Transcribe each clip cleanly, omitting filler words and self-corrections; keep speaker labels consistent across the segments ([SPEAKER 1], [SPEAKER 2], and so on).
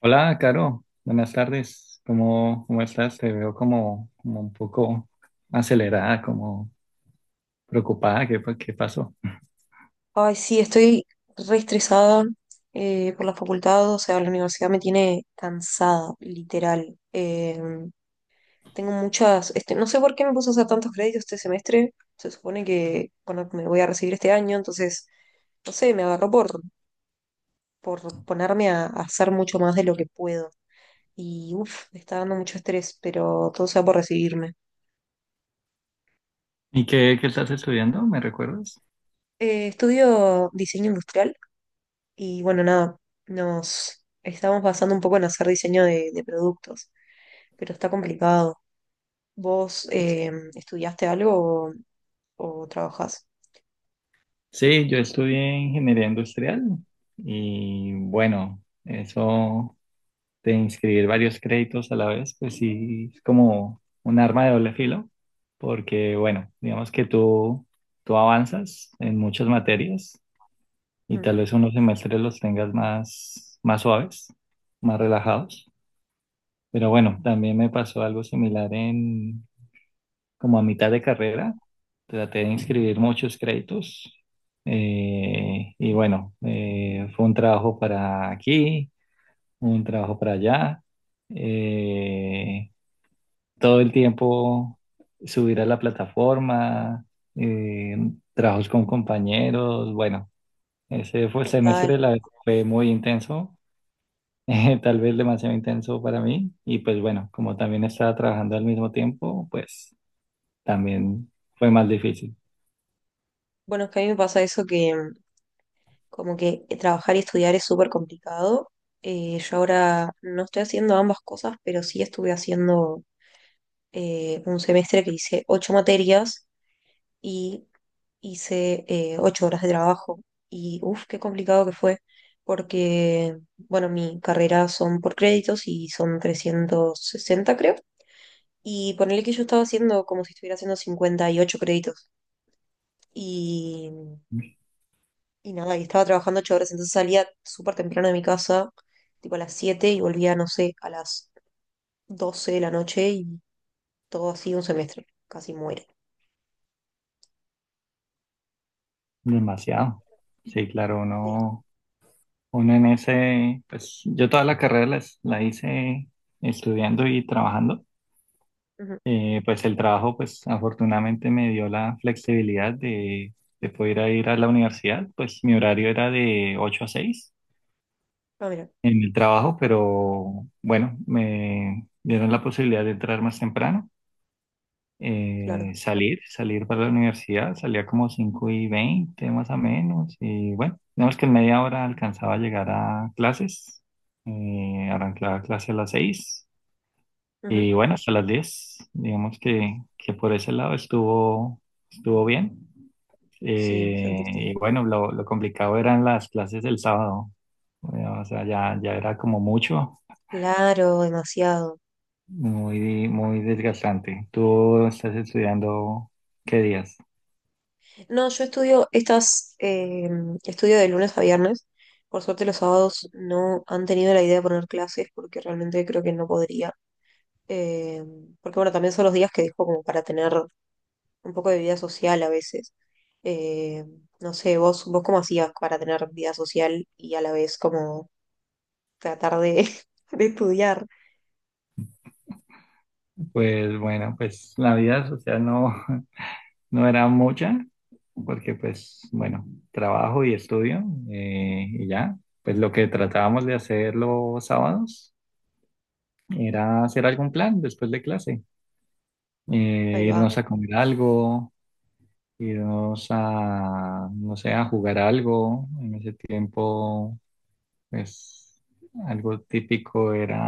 [SPEAKER 1] Hola, Caro. Buenas tardes. ¿Cómo estás? Te veo como un poco acelerada, como preocupada. ¿Qué pasó?
[SPEAKER 2] Ay, sí, estoy re estresada por la facultad, o sea, la universidad me tiene cansada, literal. Tengo muchas, no sé por qué me puse a hacer tantos créditos este semestre. Se supone que, bueno, me voy a recibir este año, entonces, no sé, me agarró por, ponerme a hacer mucho más de lo que puedo. Y uff, me está dando mucho estrés, pero todo sea por recibirme.
[SPEAKER 1] ¿Y qué estás estudiando? ¿Me recuerdas?
[SPEAKER 2] Estudio diseño industrial. Y bueno, nada, nos estamos basando un poco en hacer diseño de, productos, pero está complicado. ¿Vos estudiaste algo o trabajás?
[SPEAKER 1] Sí, yo estudié ingeniería industrial y bueno, eso de inscribir varios créditos a la vez, pues sí, es como un arma de doble filo, porque bueno, digamos que tú avanzas en muchas materias. Y
[SPEAKER 2] Mm.
[SPEAKER 1] tal vez unos semestres los tengas más suaves, más relajados. Pero bueno, también me pasó algo similar en como a mitad de carrera. Traté de inscribir muchos créditos y bueno, fue un trabajo para aquí, un trabajo para allá. eh, todo el tiempo subir a la plataforma, eh, trabajos con compañeros. Bueno, ese fue el
[SPEAKER 2] Total.
[SPEAKER 1] semestre, fue muy intenso, tal vez demasiado intenso para mí. Y pues bueno, como también estaba trabajando al mismo tiempo, pues también fue más difícil.
[SPEAKER 2] Bueno, es que a mí me pasa eso que como que trabajar y estudiar es súper complicado. Yo ahora no estoy haciendo ambas cosas, pero sí estuve haciendo un semestre que hice ocho materias y hice 8 horas de trabajo y uff, qué complicado que fue, porque, bueno, mi carrera son por créditos y son 360, creo. Y ponerle que yo estaba haciendo como si estuviera haciendo 58 créditos. Y, y nada, y estaba trabajando 8 horas. Entonces salía súper temprano de mi casa, tipo a las 7, y volvía, no sé, a las 12 de la noche, y todo así un semestre. Casi muere.
[SPEAKER 1] Demasiado. Sí, claro,
[SPEAKER 2] Sí.
[SPEAKER 1] uno en ese, pues yo toda la carrera hice estudiando y trabajando.
[SPEAKER 2] Ujú.
[SPEAKER 1] Pues el trabajo, pues afortunadamente me dio la flexibilidad de poder ir a la universidad. Pues mi horario era de 8 a 6
[SPEAKER 2] Ah, mira,
[SPEAKER 1] en el trabajo, pero bueno, me dieron la posibilidad de entrar más temprano,
[SPEAKER 2] claro.
[SPEAKER 1] salir para la universidad, salía como 5 y 20 más o menos, y bueno, digamos que en media hora alcanzaba a llegar a clases, arrancaba clase a las 6
[SPEAKER 2] Ujú.
[SPEAKER 1] y bueno, hasta las 10 digamos que por ese lado estuvo, estuvo bien.
[SPEAKER 2] Sí,
[SPEAKER 1] Eh,
[SPEAKER 2] sentiste.
[SPEAKER 1] y
[SPEAKER 2] que-
[SPEAKER 1] bueno, lo complicado eran las clases del sábado, o sea, ya era como mucho,
[SPEAKER 2] Claro, demasiado.
[SPEAKER 1] muy, muy desgastante. ¿Tú estás estudiando qué días?
[SPEAKER 2] No, yo estudio estas, estudio de lunes a viernes. Por suerte los sábados no han tenido la idea de poner clases porque realmente creo que no podría. Eh, porque bueno, también son los días que dejo como para tener un poco de vida social a veces. Eh, no sé, vos cómo hacías para tener vida social y a la vez como tratar de, de estudiar.
[SPEAKER 1] Pues bueno, pues la vida social no, no era mucha, porque pues bueno, trabajo y estudio, y ya, pues lo que tratábamos de hacer los sábados era hacer algún plan después de clase.
[SPEAKER 2] Ahí va.
[SPEAKER 1] Irnos a comer algo, irnos a, no sé, a jugar algo. En ese tiempo, pues algo típico era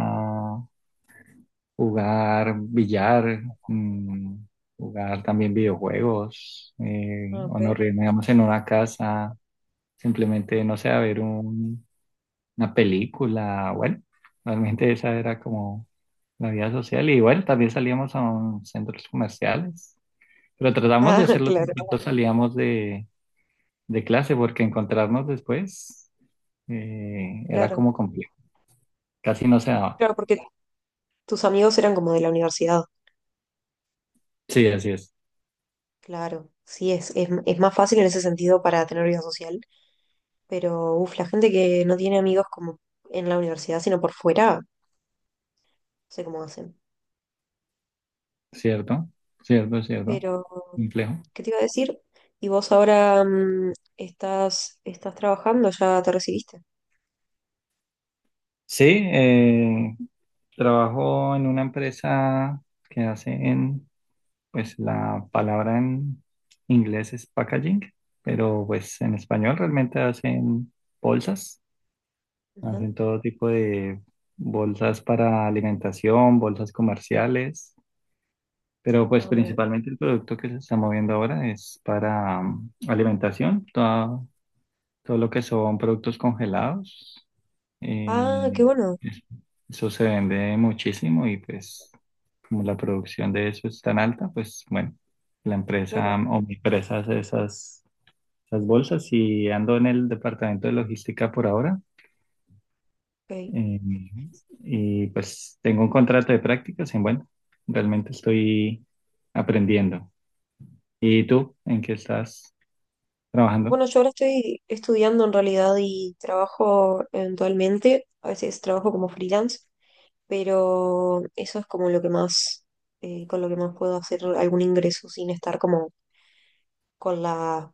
[SPEAKER 1] jugar billar, mm, jugar también videojuegos,
[SPEAKER 2] Ah, ok.
[SPEAKER 1] o nos reunimos en una casa, simplemente, no sé, a ver una película. Bueno, realmente esa era como la vida social y bueno, también salíamos a centros comerciales, pero tratamos de
[SPEAKER 2] Ah,
[SPEAKER 1] hacerlo
[SPEAKER 2] claro,
[SPEAKER 1] cuando salíamos de clase porque encontrarnos después era
[SPEAKER 2] claro.
[SPEAKER 1] como complejo, casi no se daba.
[SPEAKER 2] Claro, porque tus amigos eran como de la universidad.
[SPEAKER 1] Sí, así es,
[SPEAKER 2] Claro, sí, es más fácil en ese sentido para tener vida social, pero uf, la gente que no tiene amigos como en la universidad, sino por fuera, no sé cómo hacen.
[SPEAKER 1] cierto, cierto, cierto,
[SPEAKER 2] Pero,
[SPEAKER 1] complejo.
[SPEAKER 2] ¿qué te iba a decir? ¿Y vos ahora estás trabajando? ¿Ya te recibiste?
[SPEAKER 1] Sí, eh, trabajo en una empresa que hace en, pues la palabra en inglés es packaging, pero pues en español realmente hacen bolsas,
[SPEAKER 2] Ajá.
[SPEAKER 1] hacen todo tipo de bolsas para alimentación, bolsas comerciales, pero pues
[SPEAKER 2] Ah, mira.
[SPEAKER 1] principalmente el producto que se está moviendo ahora es para alimentación, todo lo que son productos congelados.
[SPEAKER 2] Ah,
[SPEAKER 1] eh,
[SPEAKER 2] qué bueno,
[SPEAKER 1] es- Eso se vende muchísimo y pues como la producción de eso es tan alta, pues bueno, la
[SPEAKER 2] claro,
[SPEAKER 1] empresa o mi empresa hace esas bolsas y ando en el departamento de logística por ahora.
[SPEAKER 2] ok.
[SPEAKER 1] eh, y pues tengo un contrato de prácticas y bueno, realmente estoy aprendiendo. ¿Y tú en qué estás trabajando?
[SPEAKER 2] Bueno, yo ahora estoy estudiando en realidad y trabajo eventualmente. A veces trabajo como freelance, pero eso es como lo que más, con lo que más puedo hacer algún ingreso sin estar como con la,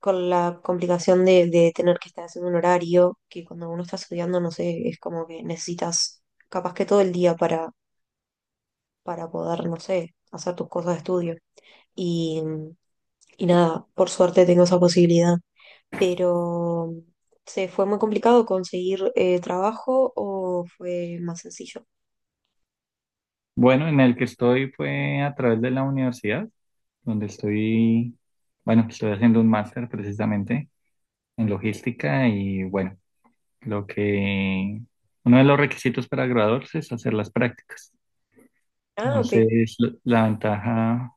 [SPEAKER 2] con la complicación de, tener que estar haciendo un horario, que cuando uno está estudiando, no sé, es como que necesitas capaz que todo el día para poder, no sé, hacer tus cosas de estudio. Y, y nada, por suerte tengo esa posibilidad, pero... ¿Se fue muy complicado conseguir trabajo o fue más sencillo?
[SPEAKER 1] Bueno, en el que estoy fue a través de la universidad. Donde estoy, bueno, estoy haciendo un máster precisamente en logística y bueno, lo que uno de los requisitos para graduarse es hacer las prácticas.
[SPEAKER 2] Ah, ok.
[SPEAKER 1] Entonces, la ventaja,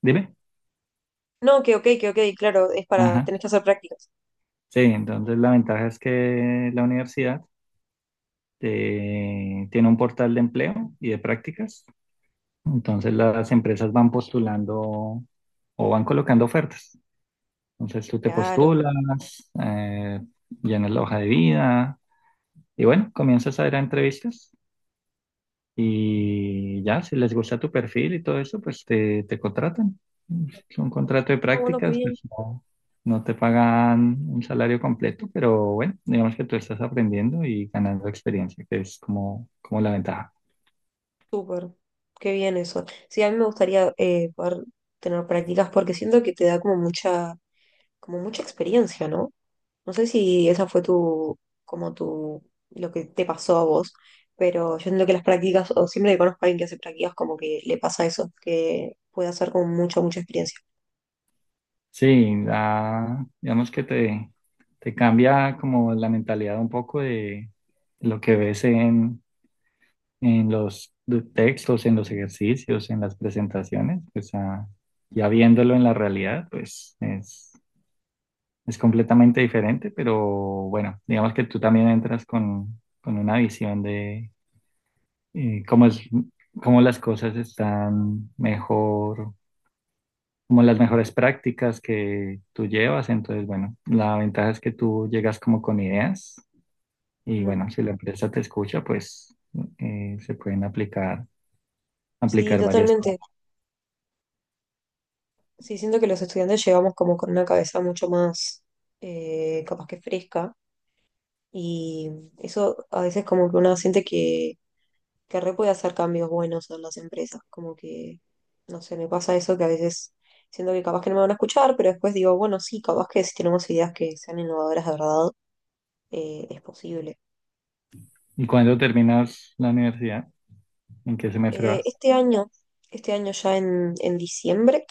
[SPEAKER 1] dime,
[SPEAKER 2] No, que ok, claro, es para,
[SPEAKER 1] ajá.
[SPEAKER 2] tenés que hacer prácticas.
[SPEAKER 1] Sí, entonces la ventaja es que la universidad tiene un portal de empleo y de prácticas. Entonces las empresas van postulando o van colocando ofertas. Entonces tú te
[SPEAKER 2] Claro.
[SPEAKER 1] postulas, llenas la hoja de vida, y bueno, comienzas a ir a entrevistas y ya, si les gusta tu perfil y todo eso, pues te contratan. Es un contrato de
[SPEAKER 2] Ah, bueno, qué
[SPEAKER 1] prácticas,
[SPEAKER 2] bien,
[SPEAKER 1] pues no, no te pagan un salario completo, pero bueno, digamos que tú estás aprendiendo y ganando experiencia, que es como, como la ventaja.
[SPEAKER 2] súper. Qué bien eso. Sí, a mí me gustaría poder tener prácticas porque siento que te da como mucha experiencia, ¿no? No sé si esa fue tu, como tu, lo que te pasó a vos, pero yo siento que las prácticas, o siempre que conozco a alguien que hace prácticas, como que le pasa eso, que puede hacer como mucha, mucha experiencia.
[SPEAKER 1] Sí, digamos que te cambia como la mentalidad un poco de lo que ves en los textos, en los ejercicios, en las presentaciones, pues a- ya viéndolo en la realidad, pues es completamente diferente, pero bueno, digamos que tú también entras con una visión de cómo es, cómo las cosas están mejor, como las mejores prácticas que tú llevas, entonces bueno, la ventaja es que tú llegas como con ideas y
[SPEAKER 2] Ujú.
[SPEAKER 1] bueno, si la empresa te escucha, pues se pueden aplicar,
[SPEAKER 2] Sí,
[SPEAKER 1] aplicar varias
[SPEAKER 2] totalmente.
[SPEAKER 1] cosas.
[SPEAKER 2] Sí, siento que los estudiantes llegamos como con una cabeza mucho más capaz que fresca, y eso a veces como que uno siente que re puede hacer cambios buenos en las empresas, como que, no sé, me pasa eso que a veces siento que capaz que no me van a escuchar. Pero después digo, bueno, sí, capaz que si tenemos ideas que sean innovadoras de verdad, es posible.
[SPEAKER 1] ¿Y cuándo terminas la universidad? ¿En qué semestre
[SPEAKER 2] Eh,
[SPEAKER 1] vas?
[SPEAKER 2] este año, este año ya en, diciembre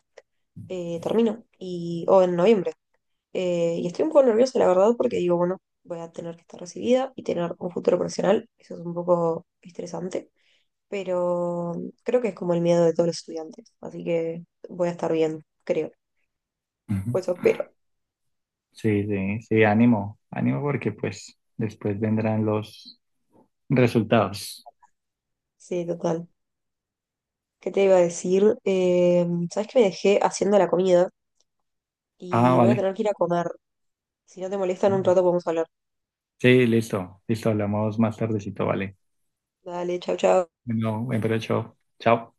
[SPEAKER 2] termino, y, o en noviembre. Y estoy un poco nerviosa, la verdad, porque digo, bueno, voy a tener que estar recibida y tener un futuro profesional. Eso es un poco estresante, pero creo que es como el miedo de todos los estudiantes. Así que voy a estar bien, creo. Pues eso
[SPEAKER 1] Ujú.
[SPEAKER 2] espero.
[SPEAKER 1] Sí, sí, sí, ánimo, ánimo porque pues después vendrán los resultados.
[SPEAKER 2] Sí, total. ¿Qué te iba a decir? ¿Sabes que me dejé haciendo la comida?
[SPEAKER 1] Ah,
[SPEAKER 2] Y voy a
[SPEAKER 1] vale.
[SPEAKER 2] tener que ir a comer. Si no te molesta, en un rato podemos hablar.
[SPEAKER 1] Sí, listo, listo, hablamos más tardecito, vale.
[SPEAKER 2] Dale, chau, chau.
[SPEAKER 1] Bueno, buen provecho. Chao.